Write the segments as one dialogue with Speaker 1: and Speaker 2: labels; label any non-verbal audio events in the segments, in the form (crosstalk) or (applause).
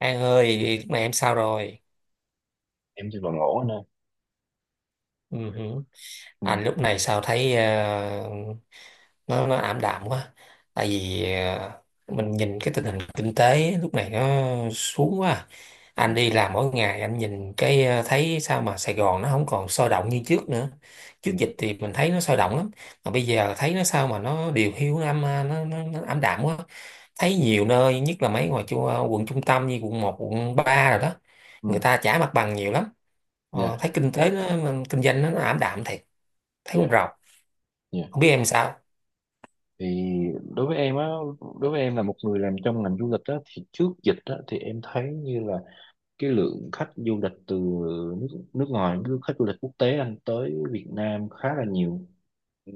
Speaker 1: An ơi, lúc này em sao rồi?
Speaker 2: Em thì còn ngủ anh ơi.
Speaker 1: Ừ, hử.
Speaker 2: Ừ.
Speaker 1: Anh lúc này sao thấy nó ảm đạm quá. Tại vì mình nhìn cái tình hình kinh tế lúc này nó xuống quá. À.
Speaker 2: Ừ.
Speaker 1: Anh đi làm mỗi ngày anh nhìn cái thấy sao mà Sài Gòn nó không còn sôi động như trước nữa.
Speaker 2: Ừ.
Speaker 1: Trước dịch thì mình thấy nó sôi động lắm, mà bây giờ thấy nó sao mà nó điều hiu năm nó ảm đạm quá. Thấy nhiều nơi, nhất là mấy ngoài quận trung tâm như quận một, quận 3 rồi đó. Người
Speaker 2: Ừ.
Speaker 1: ta trả mặt bằng nhiều lắm.
Speaker 2: Dạ.
Speaker 1: Thấy kinh tế nó, mà kinh doanh nó ảm đạm thiệt. Thấy con
Speaker 2: Dạ.
Speaker 1: rầu.
Speaker 2: Dạ.
Speaker 1: Không biết em sao.
Speaker 2: thì đối với em á Đối với em là một người làm trong ngành du lịch á thì trước dịch á thì em thấy như là cái lượng khách du lịch từ nước nước ngoài nước khách du lịch quốc tế anh tới Việt Nam khá là nhiều. Ừ,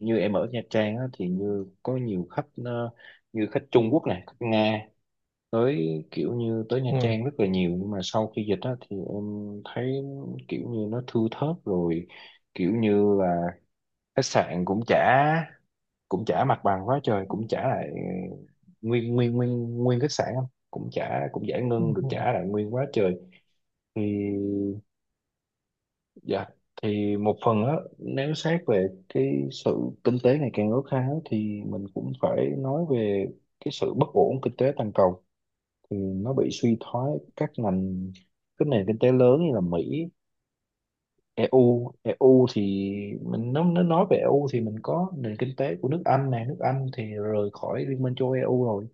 Speaker 2: như em ở Nha Trang á thì như có nhiều khách như khách Trung Quốc này khách Nga tới kiểu như tới Nha
Speaker 1: Ừ.
Speaker 2: Trang rất là nhiều, nhưng mà sau khi dịch á thì em thấy kiểu như nó thưa thớt rồi, kiểu như là khách sạn cũng trả mặt bằng quá trời, cũng trả lại nguyên nguyên nguyên nguyên khách sạn không, cũng giải
Speaker 1: Ừ.
Speaker 2: ngân được trả lại nguyên quá trời. Thì dạ, thì một phần á, nếu xét về cái sự kinh tế ngày càng khó khăn thì mình cũng phải nói về cái sự bất ổn kinh tế toàn cầu, thì nó bị suy thoái các ngành, các nền kinh tế lớn như là Mỹ, EU. Thì mình nó nói về EU thì mình có nền kinh tế của nước Anh này, nước Anh thì rời khỏi Liên minh châu Âu EU rồi.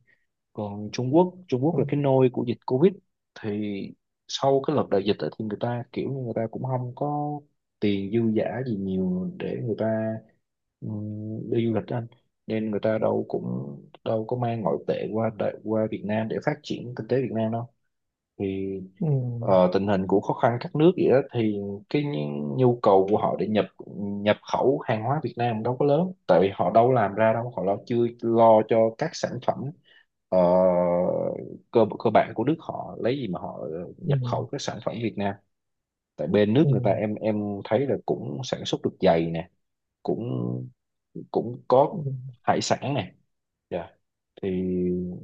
Speaker 2: Còn Trung Quốc, Trung Quốc
Speaker 1: Ừ.
Speaker 2: là cái nôi của dịch Covid. Thì sau cái đợt đại dịch ấy, thì người ta kiểu như người ta cũng không có tiền dư dả gì nhiều để người ta đi du lịch đó anh, nên người ta đâu cũng đâu có mang ngoại tệ qua qua Việt Nam để phát triển kinh tế Việt Nam đâu. Thì
Speaker 1: Ừ.
Speaker 2: tình hình của khó khăn các nước vậy đó thì cái nhu nhu cầu của họ để nhập nhập khẩu hàng hóa Việt Nam đâu có lớn, tại vì họ đâu làm ra đâu, họ lo chưa lo cho các sản phẩm ờ, cơ cơ bản của nước họ, lấy gì mà họ nhập
Speaker 1: Ừ.
Speaker 2: khẩu các sản phẩm Việt Nam. Tại bên nước
Speaker 1: Ừ.
Speaker 2: người ta, em thấy là cũng sản xuất được giày nè, cũng cũng có
Speaker 1: Ừ.
Speaker 2: hải sản nè. Dạ. Thì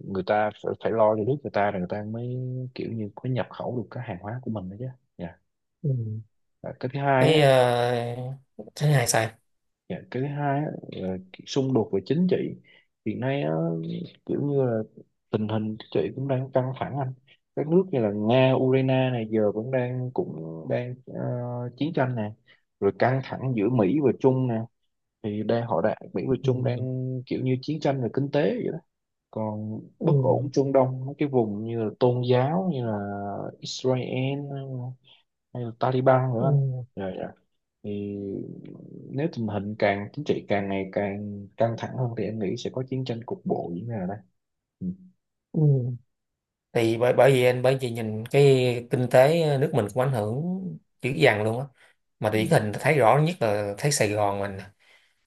Speaker 2: người ta phải, phải lo cho nước người ta rồi người ta mới kiểu như có nhập khẩu được cái hàng hóa của mình đó chứ. Dạ.
Speaker 1: Ừ.
Speaker 2: À, cái thứ hai á.
Speaker 1: Thấy, thấy hay sao.
Speaker 2: Dạ, cái thứ hai á, là xung đột về chính trị hiện nay á, kiểu như là tình hình chính trị cũng đang căng thẳng anh, các nước như là Nga Ukraine này giờ cũng đang chiến tranh nè, rồi căng thẳng giữa Mỹ và Trung nè, thì đang họ đã Mỹ và Trung đang
Speaker 1: Ừ.
Speaker 2: kiểu như chiến tranh về kinh tế vậy đó, còn
Speaker 1: Ừ.
Speaker 2: bất ổn Trung Đông mấy cái vùng như là tôn giáo như là Israel hay là Taliban nữa
Speaker 1: Ừ.
Speaker 2: anh. Dạ Dạ. Thì nếu tình hình càng chính trị càng ngày càng căng thẳng hơn thì em nghĩ sẽ có chiến tranh cục bộ diễn ra ở đây. Ừ.
Speaker 1: Ừ. Thì bởi bởi vì anh bởi vì nhìn cái kinh tế nước mình cũng ảnh hưởng dữ dằn luôn á, mà
Speaker 2: Ừ.
Speaker 1: điển hình thấy rõ nhất là thấy Sài Gòn mình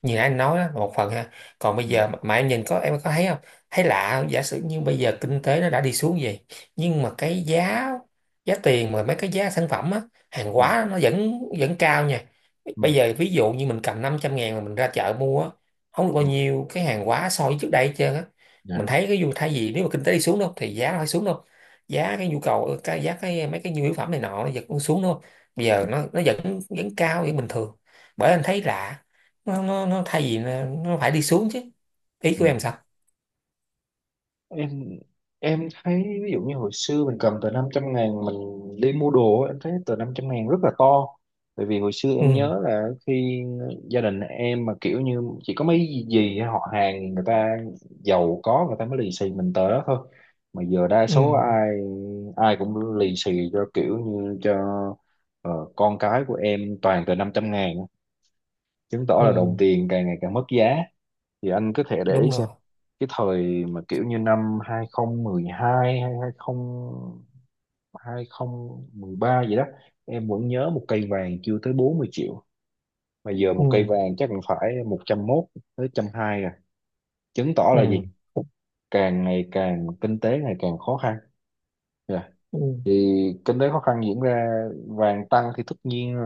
Speaker 1: như nãy anh nói đó, một phần ha. Còn bây
Speaker 2: Ừ.
Speaker 1: giờ mà em nhìn em có thấy không, thấy lạ không? Giả sử như bây giờ kinh tế nó đã đi xuống vậy, nhưng mà cái giá giá tiền mà mấy cái giá sản phẩm á, hàng
Speaker 2: Ừ.
Speaker 1: hóa nó vẫn vẫn cao nha.
Speaker 2: Ừ.
Speaker 1: Bây giờ ví dụ như mình cầm 500.000 mà mình ra chợ mua á, không được bao
Speaker 2: Ừ.
Speaker 1: nhiêu cái hàng hóa so với trước đây hết trơn á. Mình
Speaker 2: Dạ.
Speaker 1: thấy cái dù thay vì nếu mà kinh tế đi xuống đâu thì giá nó phải xuống đâu, giá cái nhu cầu cái giá cái mấy cái nhu yếu phẩm này nọ nó vẫn xuống đâu, bây
Speaker 2: Ừ.
Speaker 1: giờ nó vẫn vẫn cao vẫn bình thường. Bởi anh thấy lạ, nó thay vì nó phải đi xuống chứ. Ý của
Speaker 2: Ừ.
Speaker 1: em sao?
Speaker 2: em em thấy ví dụ như hồi xưa mình cầm tờ 500.000 mình đi mua đồ á, em thấy tờ 500.000 rất là to, bởi vì hồi xưa em
Speaker 1: Ừ.
Speaker 2: nhớ là khi gia đình em mà kiểu như chỉ có mấy gì họ hàng người ta giàu có người ta mới lì xì mình tờ đó thôi, mà giờ đa số
Speaker 1: Ừ.
Speaker 2: ai ai cũng lì xì cho kiểu như cho con cái của em toàn tờ 500.000, chứng tỏ là đồng
Speaker 1: Ừ.
Speaker 2: tiền càng ngày càng mất giá. Thì anh có thể để ý
Speaker 1: Đúng
Speaker 2: xem
Speaker 1: rồi.
Speaker 2: cái thời mà kiểu như năm 2012 hay 20 2013 gì đó, em vẫn nhớ một cây vàng chưa tới 40 triệu, mà giờ một
Speaker 1: Ừ.
Speaker 2: cây vàng chắc cũng phải 101 tới 120 rồi, chứng tỏ là
Speaker 1: Ừ.
Speaker 2: gì, càng ngày càng kinh tế ngày càng khó khăn. Dạ.
Speaker 1: Ừ.
Speaker 2: Thì kinh tế khó khăn diễn ra, vàng tăng thì tất nhiên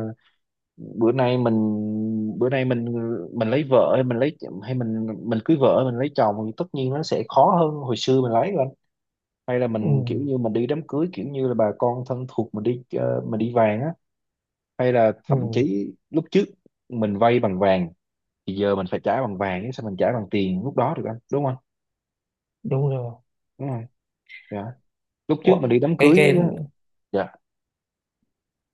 Speaker 2: bữa nay mình bữa nay mình lấy vợ hay mình lấy hay mình cưới vợ hay mình lấy chồng thì tất nhiên nó sẽ khó hơn hồi xưa mình lấy rồi anh. Hay là
Speaker 1: Ừ,
Speaker 2: mình kiểu như mình đi đám cưới kiểu như là bà con thân thuộc mình đi mình đi vàng á, hay là
Speaker 1: ừ.
Speaker 2: thậm chí lúc trước mình vay bằng vàng thì giờ mình phải trả bằng vàng chứ sao mình trả bằng tiền lúc đó được anh, đúng không.
Speaker 1: Đúng rồi.
Speaker 2: Đúng rồi. Dạ. Lúc trước
Speaker 1: Ủa,
Speaker 2: mình đi đám cưới
Speaker 1: cái
Speaker 2: á. Dạ.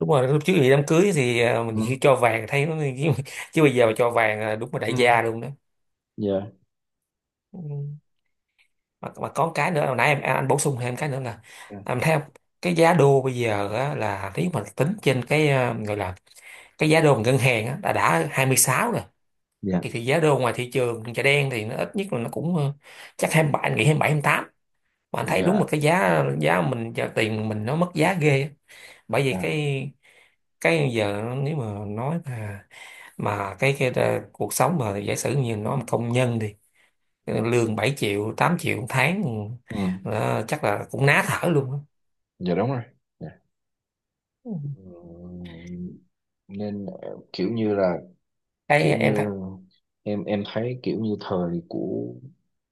Speaker 1: đúng rồi, lúc trước thì đám cưới thì mình khi
Speaker 2: Ừ.
Speaker 1: cho vàng thấy nó (laughs) chứ, chứ bây giờ mà cho vàng là đúng là đại
Speaker 2: Ừ.
Speaker 1: gia luôn đó.
Speaker 2: Dạ.
Speaker 1: Ừ. Mà có cái nữa hồi nãy em anh bổ sung thêm cái nữa là
Speaker 2: Dạ.
Speaker 1: em thấy không, cái giá đô bây giờ á, là nếu mà tính trên cái gọi là cái giá đô mà ngân hàng á, đã 26,
Speaker 2: Dạ.
Speaker 1: thì giá đô ngoài thị trường chợ đen thì nó ít nhất là nó cũng chắc 27, anh nghĩ 27 28. Mà anh thấy đúng
Speaker 2: Dạ.
Speaker 1: là cái giá giá mình giờ tiền mình nó mất giá ghê á. Bởi vì
Speaker 2: À.
Speaker 1: cái giờ nếu mà nói mà cuộc sống mà giả sử như nó mà công nhân đi, lương 7 triệu 8 triệu một tháng
Speaker 2: Ừ.
Speaker 1: ừ, chắc là cũng ná thở luôn á.
Speaker 2: Dạ. Đúng rồi. Dạ.
Speaker 1: Ừ.
Speaker 2: Ừm, nên kiểu như là
Speaker 1: Cái
Speaker 2: kiểu
Speaker 1: em
Speaker 2: như
Speaker 1: thấy.
Speaker 2: em thấy kiểu như thời của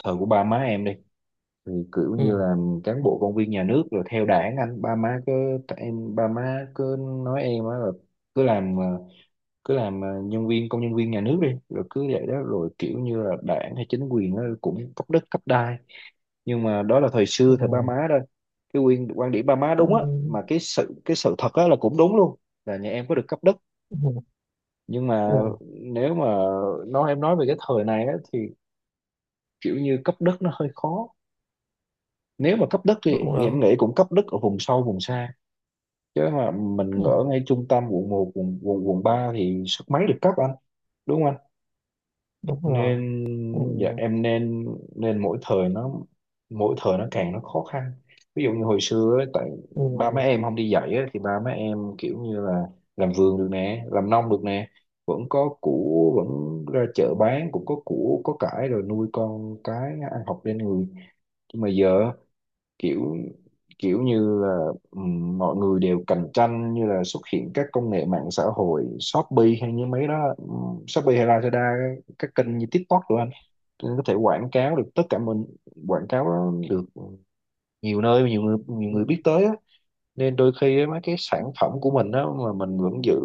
Speaker 2: ba má em đi thì kiểu như
Speaker 1: Ừ.
Speaker 2: là cán bộ công viên nhà nước rồi theo đảng anh, ba má cứ ba má cứ nói em á là cứ làm cứ làm nhân viên công nhân viên nhà nước đi rồi cứ vậy đó rồi kiểu như là đảng hay chính quyền á cũng cấp đất cấp đai, nhưng mà đó là thời
Speaker 1: Ừ.
Speaker 2: xưa thời ba má thôi. Cái quyền quan điểm ba má
Speaker 1: Ừ.
Speaker 2: đúng á, mà cái sự thật á là cũng đúng luôn, là nhà em có được cấp đất,
Speaker 1: Ừ.
Speaker 2: nhưng mà
Speaker 1: Ừ. Ừ,
Speaker 2: nếu mà nói em nói về cái thời này á, thì kiểu như cấp đất nó hơi khó, nếu mà cấp đất thì
Speaker 1: đúng rồi.
Speaker 2: em nghĩ cũng cấp đất ở vùng sâu vùng xa, chứ mà
Speaker 1: Ừ.
Speaker 2: mình ở ngay trung tâm quận một quận quận quận 3 thì sức mấy được cấp anh. Đúng.
Speaker 1: Đúng rồi.
Speaker 2: Nên
Speaker 1: Ừ.
Speaker 2: dạ em nên nên mỗi thời nó càng nó khó khăn. Ví dụ như hồi xưa ấy, tại ba má
Speaker 1: Ừ.
Speaker 2: em không đi dạy á, thì ba má em kiểu như là làm vườn được nè làm nông được nè, vẫn có củ vẫn ra chợ bán cũng có củ có cải rồi nuôi con cái ăn học lên người. Nhưng mà giờ kiểu kiểu như là mọi người đều cạnh tranh như là xuất hiện các công nghệ mạng xã hội Shopee hay như mấy đó, Shopee hay Lazada các kênh như TikTok rồi tôi có thể quảng cáo được tất cả, mình quảng cáo nó được nhiều nơi nhiều
Speaker 1: Ừ,
Speaker 2: người biết tới á. Nên đôi khi á, mấy cái sản phẩm của mình đó mà mình vẫn giữ,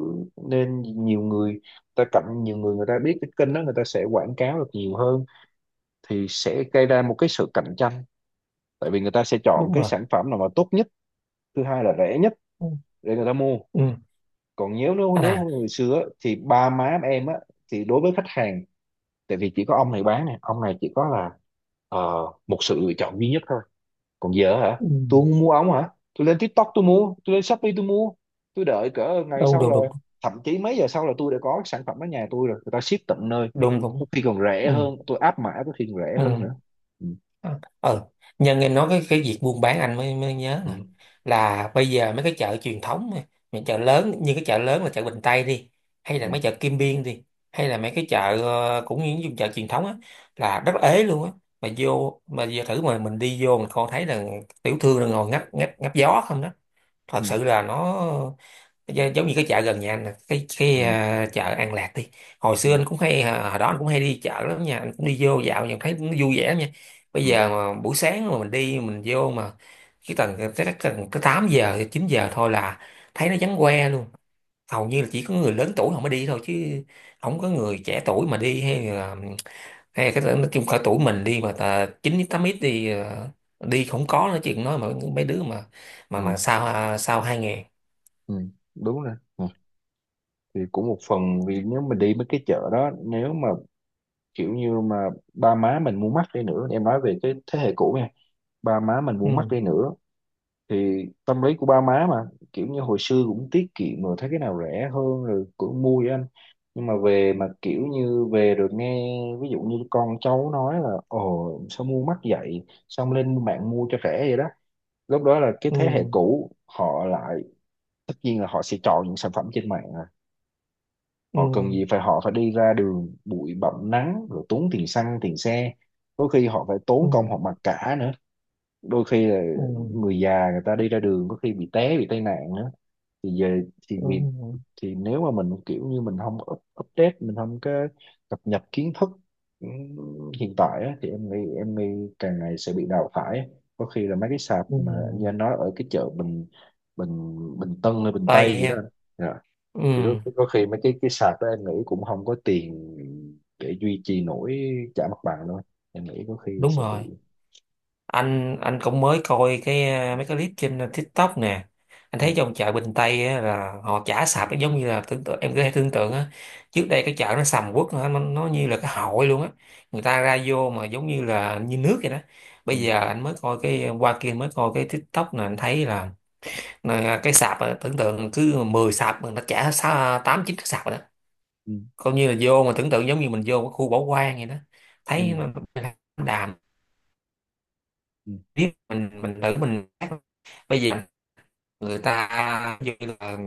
Speaker 2: nên nhiều người ta cạnh nhiều người người ta biết cái kênh đó người ta sẽ quảng cáo được nhiều hơn, thì sẽ gây ra một cái sự cạnh tranh, tại vì người ta sẽ chọn
Speaker 1: đúng
Speaker 2: cái
Speaker 1: rồi.
Speaker 2: sản phẩm nào mà tốt nhất, thứ hai là rẻ nhất,
Speaker 1: Ừ,
Speaker 2: để người ta mua.
Speaker 1: ừ.
Speaker 2: Còn nếu nếu nếu
Speaker 1: À.
Speaker 2: không người xưa á, thì ba má em á, thì đối với khách hàng tại vì chỉ có ông này bán này ông này chỉ có là ờ, một sự lựa chọn duy nhất thôi. Còn giờ hả
Speaker 1: Ừ.
Speaker 2: tôi không mua ống hả, tôi lên TikTok tôi mua, tôi lên Shopee tôi mua, tôi đợi cỡ ngày
Speaker 1: Đúng
Speaker 2: sau
Speaker 1: đúng
Speaker 2: là
Speaker 1: đúng.
Speaker 2: thậm chí mấy giờ sau là tôi đã có sản phẩm ở nhà tôi rồi người ta ship tận nơi,
Speaker 1: Đúng
Speaker 2: có
Speaker 1: đúng.
Speaker 2: khi còn rẻ
Speaker 1: Ừ.
Speaker 2: hơn tôi áp mã có khi còn rẻ
Speaker 1: Ừ.
Speaker 2: hơn nữa. Ừ.
Speaker 1: À, nhân em nói cái việc buôn bán anh mới mới nhớ
Speaker 2: Ừ.
Speaker 1: nè, là bây giờ mấy cái chợ truyền thống á, những chợ lớn như cái chợ lớn là chợ Bình Tây đi, hay
Speaker 2: Ừ.
Speaker 1: là mấy chợ Kim Biên đi, hay là mấy cái chợ cũng như những vùng chợ truyền thống á, là rất ế luôn á. Mà vô mà giờ thử mà mình đi vô mình coi thấy là tiểu thương là ngồi ngắp ngắp ngắp gió không đó. Thật
Speaker 2: Ừ.
Speaker 1: sự là nó giống như cái chợ gần nhà anh nè,
Speaker 2: Ừ.
Speaker 1: chợ An Lạc đi.
Speaker 2: Ừ.
Speaker 1: Hồi đó anh cũng hay đi chợ lắm nha, anh cũng đi vô dạo nhưng thấy nó vui vẻ lắm nha. Bây
Speaker 2: Ừ.
Speaker 1: giờ mà buổi sáng mà mình đi mình vô mà cái tầng tới tới tầng tới 8 giờ 9 giờ thôi là thấy nó vắng que luôn. Hầu như là chỉ có người lớn tuổi không mới đi thôi chứ, không có người trẻ tuổi mà đi, hay là cái nói chung cỡ tuổi mình đi mà 9 8 ít đi à, đi không có nói chuyện nói mà mấy đứa mà mà
Speaker 2: Ừ.
Speaker 1: mà sao sao hai ngàn.
Speaker 2: Ừ. Đúng rồi. Ừ. Thì cũng một phần vì nếu mà đi mấy cái chợ đó, nếu mà kiểu như mà ba má mình mua mắc đi nữa, em nói về cái thế hệ cũ nha, ba má mình mua mắc
Speaker 1: Ừ.
Speaker 2: đi nữa thì tâm lý của ba má mà kiểu như hồi xưa cũng tiết kiệm rồi thấy cái nào rẻ hơn rồi cũng mua với anh, nhưng mà về mà kiểu như về rồi nghe ví dụ như con cháu nói là ồ sao mua mắc vậy, xong lên mạng mua cho rẻ vậy đó, lúc đó là cái
Speaker 1: Ừ.
Speaker 2: thế hệ cũ họ lại tất nhiên là họ sẽ chọn những sản phẩm trên mạng à.
Speaker 1: Ừ.
Speaker 2: Họ cần gì phải họ phải đi ra đường bụi bặm nắng rồi tốn tiền xăng tiền xe, đôi khi họ phải
Speaker 1: Ừ.
Speaker 2: tốn công họ mặc cả nữa, đôi khi là
Speaker 1: Ừ.
Speaker 2: người già người ta đi ra đường có khi bị té bị tai nạn nữa, thì về thì vì
Speaker 1: Ừ.
Speaker 2: thì nếu mà mình kiểu như mình không up, update mình không có cập nhật kiến thức hiện tại á, thì em nghĩ càng ngày sẽ bị đào thải, có khi là mấy cái sạp
Speaker 1: Ừ.
Speaker 2: mà như anh nói ở cái chợ Bình Bình Bình Tân hay Bình
Speaker 1: Tây
Speaker 2: Tây gì đó
Speaker 1: ha.
Speaker 2: anh. Dạ,
Speaker 1: Ừ.
Speaker 2: thì có khi mấy cái sạp đó em nghĩ cũng không có tiền để duy trì nổi trả mặt bằng đâu, em nghĩ có khi
Speaker 1: Đúng
Speaker 2: sẽ bị.
Speaker 1: rồi. Anh cũng mới coi cái mấy cái clip trên TikTok nè. Anh
Speaker 2: Ừ.
Speaker 1: thấy trong chợ Bình Tây á, là họ chả sạp nó giống như là tưởng tượng, em có thể tưởng tượng á, trước đây cái chợ nó sầm uất nó như là cái hội luôn á, người ta ra vô mà giống như là như nước vậy đó. Bây
Speaker 2: Ừ.
Speaker 1: giờ anh mới coi cái qua kia mới coi cái TikTok nè, anh thấy là cái sạp á, tưởng tượng cứ 10 sạp mà nó chả tám chín cái sạp rồi đó,
Speaker 2: Ừ.
Speaker 1: coi như là vô mà tưởng tượng giống như mình vô cái khu bỏ hoang vậy đó. Thấy
Speaker 2: Ừ.
Speaker 1: nó đàm,
Speaker 2: Ừ.
Speaker 1: biết mình thử mình bây giờ, người ta như là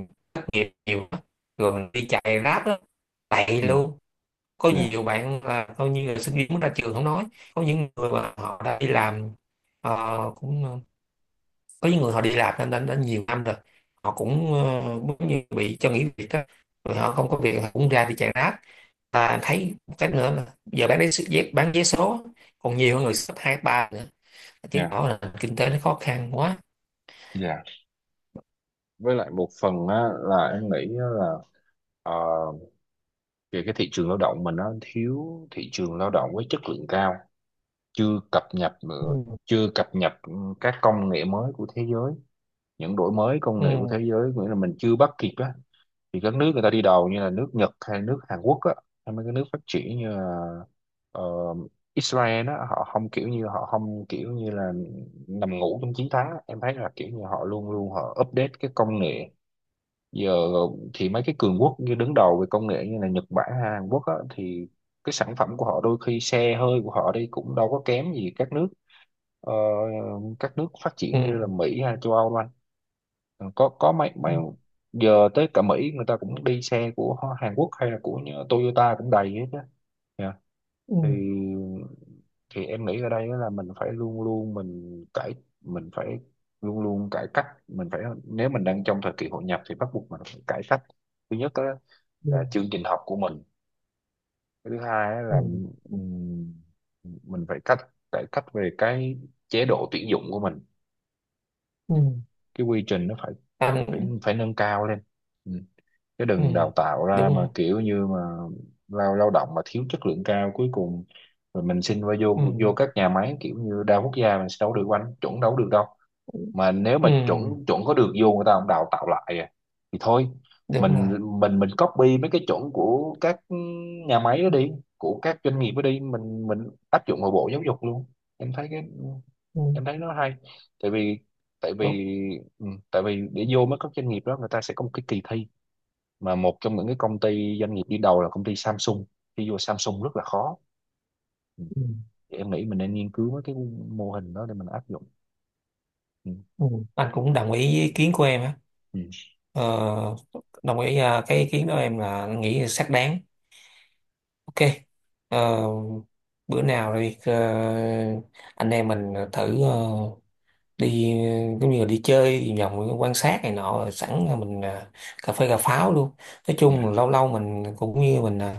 Speaker 1: nghiệp nhiều á, rồi mình đi chạy ráp đó, tệ
Speaker 2: Ừ.
Speaker 1: luôn. Có
Speaker 2: Dạ.
Speaker 1: nhiều bạn là coi như là sinh viên mới ra trường không nói, có những người mà họ đã đi làm, cũng có những người họ đi làm nên đã nhiều năm rồi, họ cũng giống như bị cho nghỉ việc đó, rồi họ không có việc họ cũng ra đi chạy ráp. Ta thấy một cái nữa là giờ bán đấy dép bán vé số còn nhiều hơn người sắp hai ba nữa, chứng
Speaker 2: Dạ.
Speaker 1: tỏ là kinh tế nó khó khăn quá.
Speaker 2: Dạ. Với lại một phần á, là em nghĩ á là ờ, về cái thị trường lao động mình nó thiếu thị trường lao động với chất lượng cao chưa cập nhật nữa,
Speaker 1: Ừ.
Speaker 2: chưa cập nhật ừ, các công nghệ mới của thế giới, những đổi mới công
Speaker 1: Ừ.
Speaker 2: nghệ của thế giới, nghĩa là mình chưa bắt kịp á. Thì các nước người ta đi đầu như là nước Nhật hay nước Hàn Quốc á, hay mấy cái nước phát triển như là ờ, Israel á, họ không kiểu như họ không kiểu như là nằm ngủ trong chiến thắng á. Em thấy là kiểu như họ luôn luôn họ update cái công nghệ giờ. Thì mấy cái cường quốc như đứng đầu về công nghệ như là Nhật Bản hay Hàn Quốc á, thì cái sản phẩm của họ đôi khi xe hơi của họ đi cũng đâu có kém gì các nước ờ, các nước phát triển như là
Speaker 1: Ừ.
Speaker 2: Mỹ hay châu Âu đâu anh. Ờ, có mấy
Speaker 1: Ừ.
Speaker 2: mấy giờ tới cả Mỹ người ta cũng đi xe của Hàn Quốc hay là của Toyota cũng đầy hết á. Dạ.
Speaker 1: Ừ.
Speaker 2: Thì em nghĩ ở đây á là mình phải luôn luôn mình phải luôn luôn cải cách, mình phải nếu mình đang trong thời kỳ hội nhập thì bắt buộc mình phải cải cách. Thứ nhất á
Speaker 1: Ừ.
Speaker 2: là chương trình học của mình. Cái thứ hai á là
Speaker 1: Ừ.
Speaker 2: ừm, mình phải cách cải cách về cái chế độ tuyển dụng của mình,
Speaker 1: Ừ.
Speaker 2: cái quy trình nó phải phải
Speaker 1: Anh-
Speaker 2: phải nâng cao lên, chứ
Speaker 1: ừ.
Speaker 2: đừng đào tạo
Speaker 1: Đúng
Speaker 2: ra mà
Speaker 1: rồi.
Speaker 2: kiểu như mà lao lao động mà thiếu chất lượng cao cuối cùng rồi mình xin vào vô vô
Speaker 1: Ừ.
Speaker 2: các nhà máy kiểu như đa quốc gia mình sẽ đâu được anh, chuẩn đâu được đâu. Mà nếu mà
Speaker 1: Ừ.
Speaker 2: chuẩn chuẩn có được vô người ta không đào tạo lại à, thì thôi
Speaker 1: Đúng
Speaker 2: mình
Speaker 1: rồi.
Speaker 2: copy mấy cái chuẩn của các nhà máy đó đi, của các doanh nghiệp đó đi, mình áp dụng vào bộ giáo dục luôn. Em thấy cái
Speaker 1: Ừ.
Speaker 2: Em thấy nó hay, tại vì tại
Speaker 1: Đúng.
Speaker 2: vì ừ, tại vì để vô mấy các doanh nghiệp đó người ta sẽ có một cái kỳ thi, mà một trong những cái công ty doanh nghiệp đi đầu là công ty Samsung, khi vô Samsung rất là khó. Ừ.
Speaker 1: Ừ.
Speaker 2: Thì em nghĩ mình nên nghiên cứu mấy cái mô hình đó để mình áp dụng. Ừ.
Speaker 1: Ừ. Anh cũng đồng ý với ý kiến của em á.
Speaker 2: Ừ.
Speaker 1: Ờ, Đồng ý cái ý kiến đó em là nghĩ xác đáng. OK. Ờ, Bữa nào đi anh em mình thử đi giống như là đi chơi đi vòng quan sát này nọ rồi sẵn là mình cà phê cà pháo luôn. Nói chung là
Speaker 2: Dạ.
Speaker 1: lâu lâu mình cũng như mình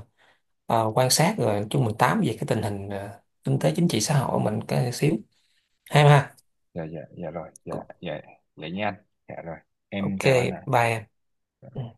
Speaker 1: quan sát rồi nói chung mình tám về cái tình hình kinh tế chính trị xã hội của mình cái xíu. Hay
Speaker 2: Dạ.
Speaker 1: ha.
Speaker 2: Dạ. Dạ. Dạ rồi. Dạ. Dạ. Dạ nha anh. Dạ rồi. Em
Speaker 1: OK.
Speaker 2: chào anh ạ.
Speaker 1: Bye em. Ừ.